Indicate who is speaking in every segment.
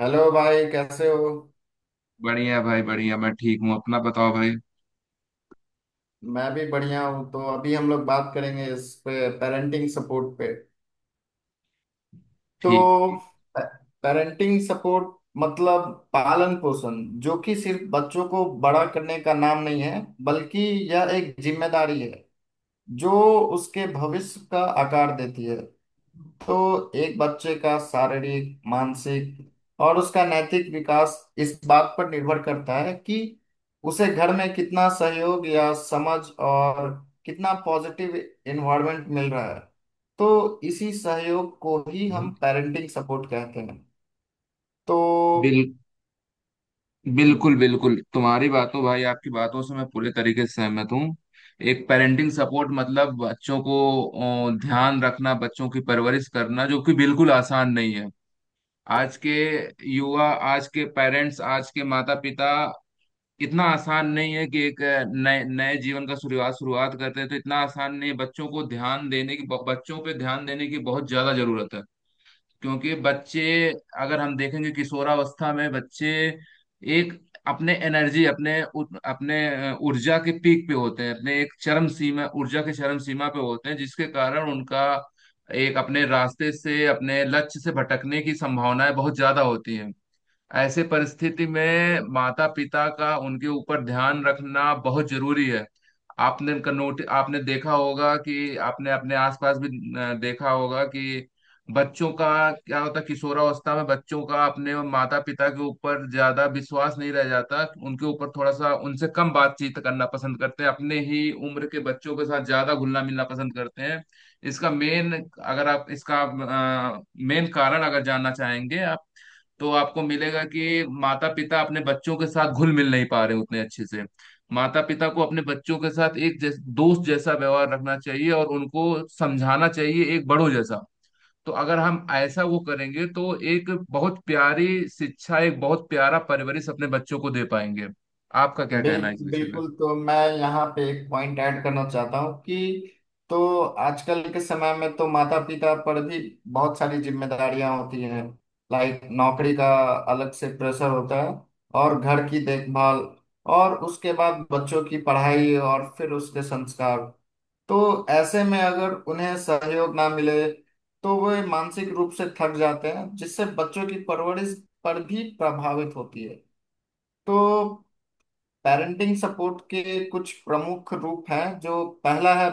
Speaker 1: Hello भाई, कैसे हो।
Speaker 2: बढ़िया भाई बढ़िया, मैं ठीक हूँ। अपना बताओ भाई।
Speaker 1: मैं भी बढ़िया हूँ। तो अभी हम लोग बात करेंगे इस पे पेरेंटिंग सपोर्ट पे।
Speaker 2: ठीक
Speaker 1: तो
Speaker 2: ठीक।
Speaker 1: पेरेंटिंग सपोर्ट मतलब पालन पोषण, जो कि सिर्फ बच्चों को बड़ा करने का नाम नहीं है, बल्कि यह एक जिम्मेदारी है जो उसके भविष्य का आकार देती है। तो एक बच्चे का शारीरिक, मानसिक और उसका नैतिक विकास इस बात पर निर्भर करता है कि उसे घर में कितना सहयोग या समझ और कितना पॉजिटिव एनवायरनमेंट मिल रहा है। तो इसी सहयोग को ही हम
Speaker 2: हम्म।
Speaker 1: पेरेंटिंग सपोर्ट कहते हैं।
Speaker 2: बिल
Speaker 1: तो हम्म,
Speaker 2: बिल्कुल बिल्कुल, तुम्हारी बातों भाई आपकी बातों से मैं पूरे तरीके से सहमत हूँ। एक पेरेंटिंग सपोर्ट मतलब बच्चों को ध्यान रखना, बच्चों की परवरिश करना, जो कि बिल्कुल आसान नहीं है। आज के युवा, आज के पेरेंट्स, आज के माता पिता, इतना आसान नहीं है कि एक नए नए जीवन का शुरुआत शुरुआत करते हैं, तो इतना आसान नहीं है। बच्चों पे ध्यान देने की बहुत ज्यादा जरूरत है। क्योंकि बच्चे, अगर हम देखेंगे किशोरावस्था में बच्चे एक अपने एनर्जी, अपने ऊर्जा के पीक पे होते हैं, अपने एक चरम सीमा ऊर्जा के चरम सीमा पे होते हैं, जिसके कारण उनका एक अपने रास्ते से, अपने लक्ष्य से भटकने की संभावनाएं बहुत ज्यादा होती हैं। ऐसे परिस्थिति में माता पिता का उनके ऊपर ध्यान रखना बहुत जरूरी है। आपने का नोट आपने अपने आसपास भी देखा होगा कि बच्चों का क्या होता है, किशोरावस्था में बच्चों का अपने माता पिता के ऊपर ज्यादा विश्वास नहीं रह जाता, उनके ऊपर थोड़ा सा, उनसे कम बातचीत करना पसंद करते हैं, अपने ही उम्र के बच्चों के साथ ज्यादा घुलना मिलना पसंद करते हैं। इसका मेन कारण अगर जानना चाहेंगे आप, तो आपको मिलेगा कि माता पिता अपने बच्चों के साथ घुल मिल नहीं पा रहे हैं उतने अच्छे से। माता पिता को अपने बच्चों के साथ एक दोस्त जैसा व्यवहार रखना चाहिए और उनको समझाना चाहिए एक बड़ों जैसा। तो अगर हम ऐसा वो करेंगे तो एक बहुत प्यारी शिक्षा, एक बहुत प्यारा परवरिश अपने बच्चों को दे पाएंगे। आपका क्या कहना है इस
Speaker 1: बिल्कुल
Speaker 2: विषय में?
Speaker 1: बिल्कुल। तो मैं यहाँ पे एक पॉइंट ऐड करना चाहता हूँ कि तो आजकल के समय में तो माता पिता पर भी बहुत सारी जिम्मेदारियां होती हैं। लाइक नौकरी का अलग से प्रेशर होता है, और घर की देखभाल, और उसके बाद बच्चों की पढ़ाई और फिर उसके संस्कार। तो ऐसे में अगर उन्हें सहयोग ना मिले तो वे मानसिक रूप से थक जाते हैं, जिससे बच्चों की परवरिश पर भी प्रभावित होती है। तो पेरेंटिंग सपोर्ट के कुछ प्रमुख रूप हैं। जो पहला है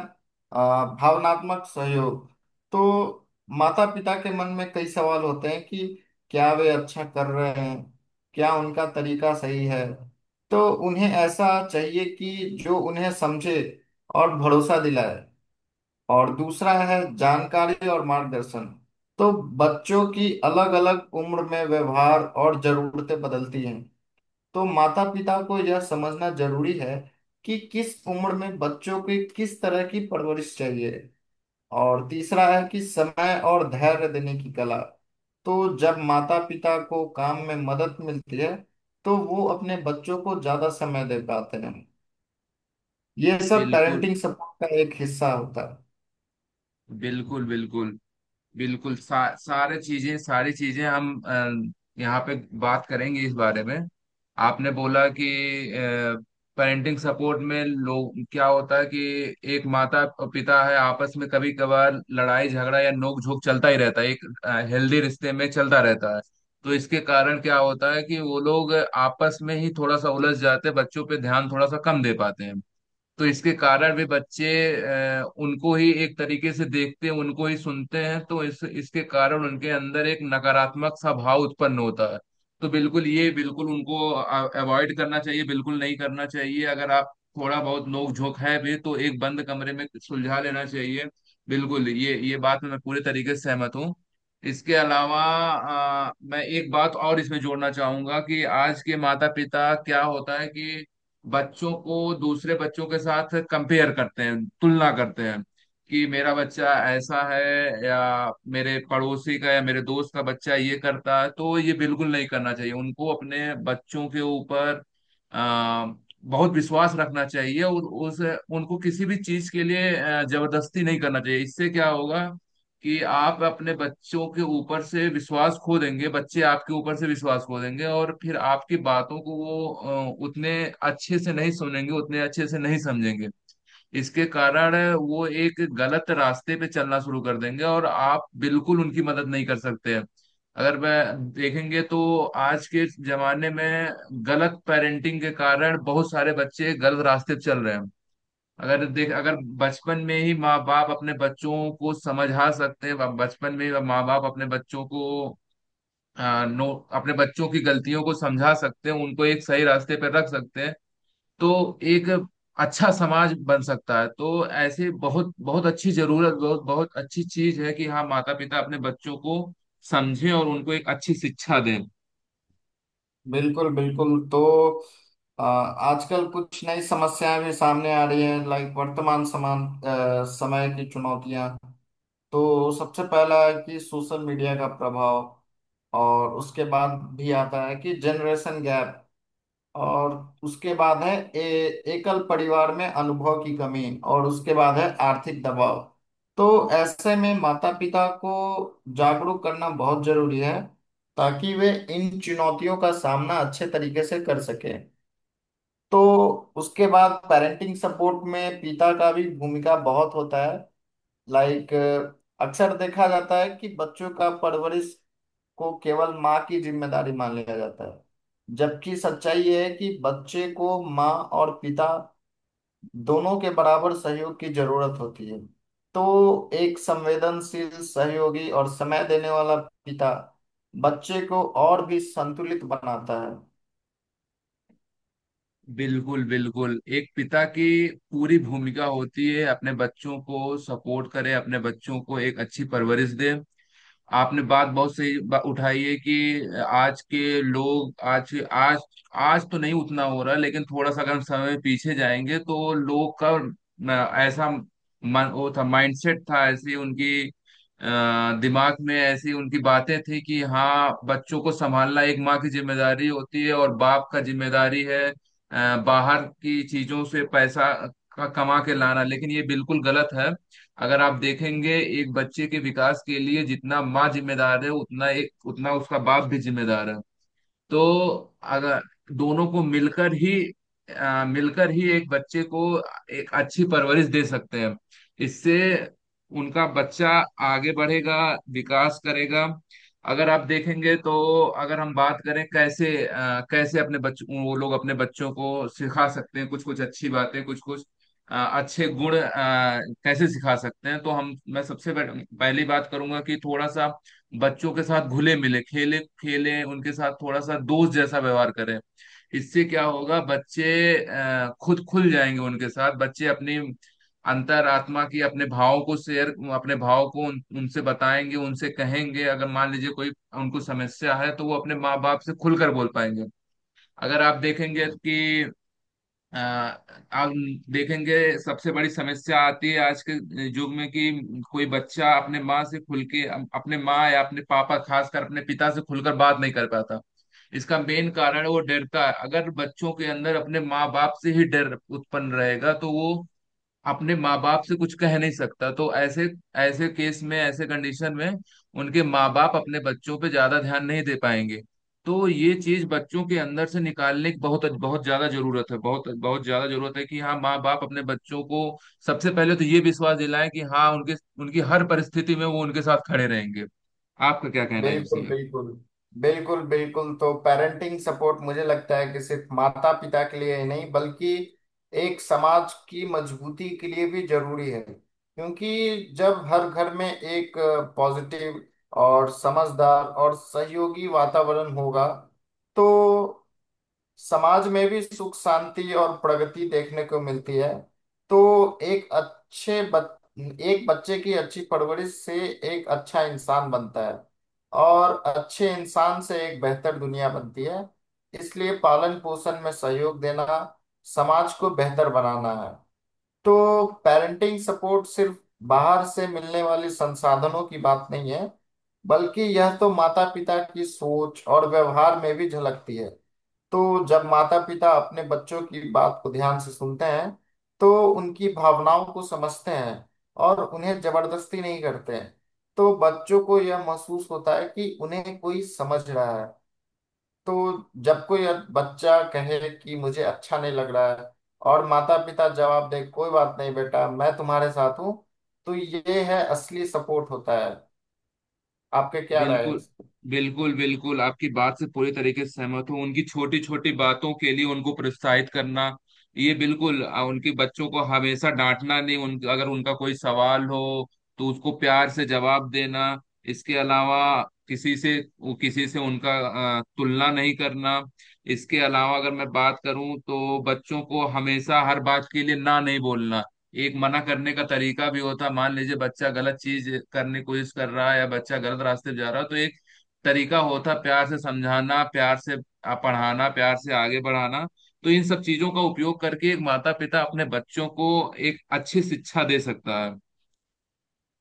Speaker 1: भावनात्मक सहयोग। तो माता पिता के मन में कई सवाल होते हैं कि क्या वे अच्छा कर रहे हैं, क्या उनका तरीका सही है। तो उन्हें ऐसा चाहिए कि जो उन्हें समझे और भरोसा दिलाए। और दूसरा है जानकारी और मार्गदर्शन। तो बच्चों की अलग अलग उम्र में व्यवहार और जरूरतें बदलती हैं। तो माता पिता को यह समझना जरूरी है कि किस उम्र में बच्चों की किस तरह की परवरिश चाहिए। और तीसरा है कि समय और धैर्य देने की कला। तो जब माता पिता को काम में मदद मिलती है तो वो अपने बच्चों को ज्यादा समय दे पाते हैं। ये सब
Speaker 2: बिल्कुल
Speaker 1: पेरेंटिंग सपोर्ट का एक हिस्सा होता है।
Speaker 2: बिल्कुल, बिल्कुल बिल्कुल, सारे चीजें सारी चीजें हम यहाँ पे बात करेंगे इस बारे में। आपने बोला कि पेरेंटिंग सपोर्ट में लोग क्या होता है कि एक माता और पिता है, आपस में कभी कभार लड़ाई झगड़ा या नोक झोंक चलता ही रहता है, एक हेल्दी रिश्ते में चलता रहता है। तो इसके कारण क्या होता है कि वो लोग आपस में ही थोड़ा सा उलझ जाते हैं, बच्चों पे ध्यान थोड़ा सा कम दे पाते हैं। तो इसके कारण भी बच्चे उनको ही एक तरीके से देखते हैं, उनको ही सुनते हैं, तो इस इसके कारण उनके अंदर एक नकारात्मक सा भाव उत्पन्न होता है। तो बिल्कुल ये, बिल्कुल उनको अवॉइड करना चाहिए, बिल्कुल नहीं करना चाहिए। अगर आप थोड़ा बहुत नोक झोंक है भी तो एक बंद कमरे में सुलझा लेना चाहिए। बिल्कुल, ये बात में मैं पूरे तरीके से सहमत हूँ। इसके अलावा मैं एक बात और इसमें जोड़ना चाहूंगा कि आज के माता पिता क्या होता है कि बच्चों को दूसरे बच्चों के साथ कंपेयर करते हैं, तुलना करते हैं। कि मेरा बच्चा ऐसा है, या मेरे पड़ोसी का या मेरे दोस्त का बच्चा ये करता है, तो ये बिल्कुल नहीं करना चाहिए। उनको अपने बच्चों के ऊपर आ, बहुत विश्वास रखना चाहिए, और उस उनको किसी भी चीज के लिए जबरदस्ती नहीं करना चाहिए। इससे क्या होगा? कि आप अपने बच्चों के ऊपर से विश्वास खो देंगे, बच्चे आपके ऊपर से विश्वास खो देंगे, और फिर आपकी बातों को वो उतने अच्छे से नहीं सुनेंगे, उतने अच्छे से नहीं समझेंगे। इसके कारण वो एक गलत रास्ते पे चलना शुरू कर देंगे, और आप बिल्कुल उनकी मदद नहीं कर सकते। अगर वह देखेंगे तो आज के जमाने में गलत पेरेंटिंग के कारण बहुत सारे बच्चे गलत रास्ते पे चल रहे हैं। अगर बचपन में ही माँ बाप अपने बच्चों को समझा सकते हैं, बचपन में ही माँ बाप अपने बच्चों को आ, नो अपने बच्चों की गलतियों को समझा सकते हैं, उनको एक सही रास्ते पर रख सकते हैं। तो एक अच्छा समाज बन सकता है। तो ऐसे बहुत बहुत अच्छी जरूरत, बहुत बहुत अच्छी चीज है कि हाँ माता पिता अपने बच्चों को समझें और उनको एक अच्छी शिक्षा दें।
Speaker 1: बिल्कुल बिल्कुल। तो आजकल कुछ नई समस्याएं भी सामने आ रही हैं। लाइक वर्तमान समान समय की चुनौतियां। तो सबसे पहला है कि सोशल मीडिया का प्रभाव। और उसके बाद भी आता है कि जनरेशन गैप। और उसके बाद है एकल परिवार में अनुभव की कमी। और उसके बाद है आर्थिक दबाव। तो ऐसे में माता पिता को जागरूक करना बहुत जरूरी है, ताकि वे इन चुनौतियों का सामना अच्छे तरीके से कर सकें। तो उसके बाद पेरेंटिंग सपोर्ट में पिता का भी भूमिका बहुत होता है। लाइक अक्सर देखा जाता है कि बच्चों का परवरिश को केवल माँ की जिम्मेदारी मान लिया जाता है, जबकि सच्चाई यह है कि बच्चे को माँ और पिता दोनों के बराबर सहयोग की जरूरत होती है। तो एक संवेदनशील, सहयोगी और समय देने वाला पिता बच्चे को और भी संतुलित बनाता है।
Speaker 2: बिल्कुल बिल्कुल, एक पिता की पूरी भूमिका होती है अपने बच्चों को सपोर्ट करे, अपने बच्चों को एक अच्छी परवरिश दे। आपने बात बहुत सही उठाई है कि आज के लोग, आज आज आज तो नहीं उतना हो रहा, लेकिन थोड़ा सा अगर हम समय पीछे जाएंगे तो लोग का ऐसा मन वो था माइंडसेट था, ऐसी उनकी दिमाग में ऐसी उनकी बातें थी कि हाँ, बच्चों को संभालना एक माँ की जिम्मेदारी होती है, और बाप का जिम्मेदारी है बाहर की चीजों से पैसा का कमा के लाना। लेकिन ये बिल्कुल गलत है। अगर आप देखेंगे एक बच्चे के विकास के लिए जितना माँ जिम्मेदार है, उतना उसका बाप भी जिम्मेदार है। तो अगर दोनों को मिलकर ही एक बच्चे को एक अच्छी परवरिश दे सकते हैं। इससे उनका बच्चा आगे बढ़ेगा, विकास करेगा। अगर आप देखेंगे तो अगर हम बात करें कैसे, कैसे अपने बच्चों वो लोग अपने बच्चों को सिखा सकते हैं कुछ कुछ अच्छी बातें, कुछ कुछ अच्छे गुण, कैसे सिखा सकते हैं, तो हम मैं सबसे पहली बात करूंगा कि थोड़ा सा बच्चों के साथ घुले मिले, खेलें उनके साथ, थोड़ा सा दोस्त जैसा व्यवहार करें। इससे क्या होगा, बच्चे खुद खुल जाएंगे उनके साथ। बच्चे अपनी अंतरात्मा की, अपने भावों को शेयर, अपने भाव को उनसे बताएंगे, उनसे कहेंगे, अगर मान लीजिए कोई उनको समस्या है तो वो अपने माँ बाप से खुलकर बोल पाएंगे। अगर आप देखेंगे कि अ, आप देखेंगे सबसे बड़ी समस्या आती है आज के युग में कि कोई बच्चा अपने माँ से खुल के अपने माँ या अपने पापा, खासकर अपने पिता से खुलकर बात नहीं कर पाता। इसका मेन कारण है वो डरता है। अगर बच्चों के अंदर अपने माँ बाप से ही डर उत्पन्न रहेगा तो वो अपने माँ बाप से कुछ कह नहीं सकता। तो ऐसे, ऐसे केस में ऐसे कंडीशन में उनके माँ बाप अपने बच्चों पे ज्यादा ध्यान नहीं दे पाएंगे। तो ये चीज बच्चों के अंदर से निकालने की बहुत बहुत ज्यादा जरूरत है, बहुत बहुत ज्यादा जरूरत है कि हाँ माँ बाप अपने बच्चों को सबसे पहले तो ये विश्वास दिलाएं कि हाँ, उनके उनकी हर परिस्थिति में वो उनके साथ खड़े रहेंगे। आपका क्या कहना है
Speaker 1: बिल्कुल
Speaker 2: इसमें?
Speaker 1: बिल्कुल। बिल्कुल बिल्कुल तो पेरेंटिंग सपोर्ट मुझे लगता है कि सिर्फ माता पिता के लिए ही नहीं, बल्कि एक समाज की मजबूती के लिए भी जरूरी है। क्योंकि जब हर घर में एक पॉजिटिव और समझदार और सहयोगी वातावरण होगा, तो समाज में भी सुख शांति और प्रगति देखने को मिलती है। तो एक बच्चे की अच्छी परवरिश से एक अच्छा इंसान बनता है, और अच्छे इंसान से एक बेहतर दुनिया बनती है। इसलिए पालन पोषण में सहयोग देना समाज को बेहतर बनाना है। तो पेरेंटिंग सपोर्ट सिर्फ बाहर से मिलने वाले संसाधनों की बात नहीं है, बल्कि यह तो माता पिता की सोच और व्यवहार में भी झलकती है। तो जब माता पिता अपने बच्चों की बात को ध्यान से सुनते हैं, तो उनकी भावनाओं को समझते हैं और उन्हें जबरदस्ती नहीं करते हैं, तो बच्चों को यह महसूस होता है कि उन्हें कोई समझ रहा है। तो जब कोई बच्चा कहे कि मुझे अच्छा नहीं लग रहा है और माता पिता जवाब दे कोई बात नहीं बेटा मैं तुम्हारे साथ हूँ, तो ये है असली सपोर्ट होता है। आपके क्या राय
Speaker 2: बिल्कुल
Speaker 1: है।
Speaker 2: बिल्कुल, बिल्कुल आपकी बात से पूरी तरीके से सहमत हूँ। उनकी छोटी छोटी बातों के लिए उनको प्रोत्साहित करना, ये बिल्कुल उनके बच्चों को हमेशा डांटना नहीं, उन अगर उनका कोई सवाल हो तो उसको प्यार से जवाब देना। इसके अलावा किसी से किसी से उनका तुलना नहीं करना। इसके अलावा अगर मैं बात करूं तो बच्चों को हमेशा हर बात के लिए ना नहीं बोलना। एक मना करने का तरीका भी होता है। मान लीजिए बच्चा गलत चीज करने की कोशिश कर रहा है या बच्चा गलत रास्ते पे जा रहा है, तो एक तरीका होता है प्यार से समझाना, प्यार से पढ़ाना, प्यार से आगे बढ़ाना। तो इन सब चीजों का उपयोग करके एक माता पिता अपने बच्चों को एक अच्छी शिक्षा दे सकता है।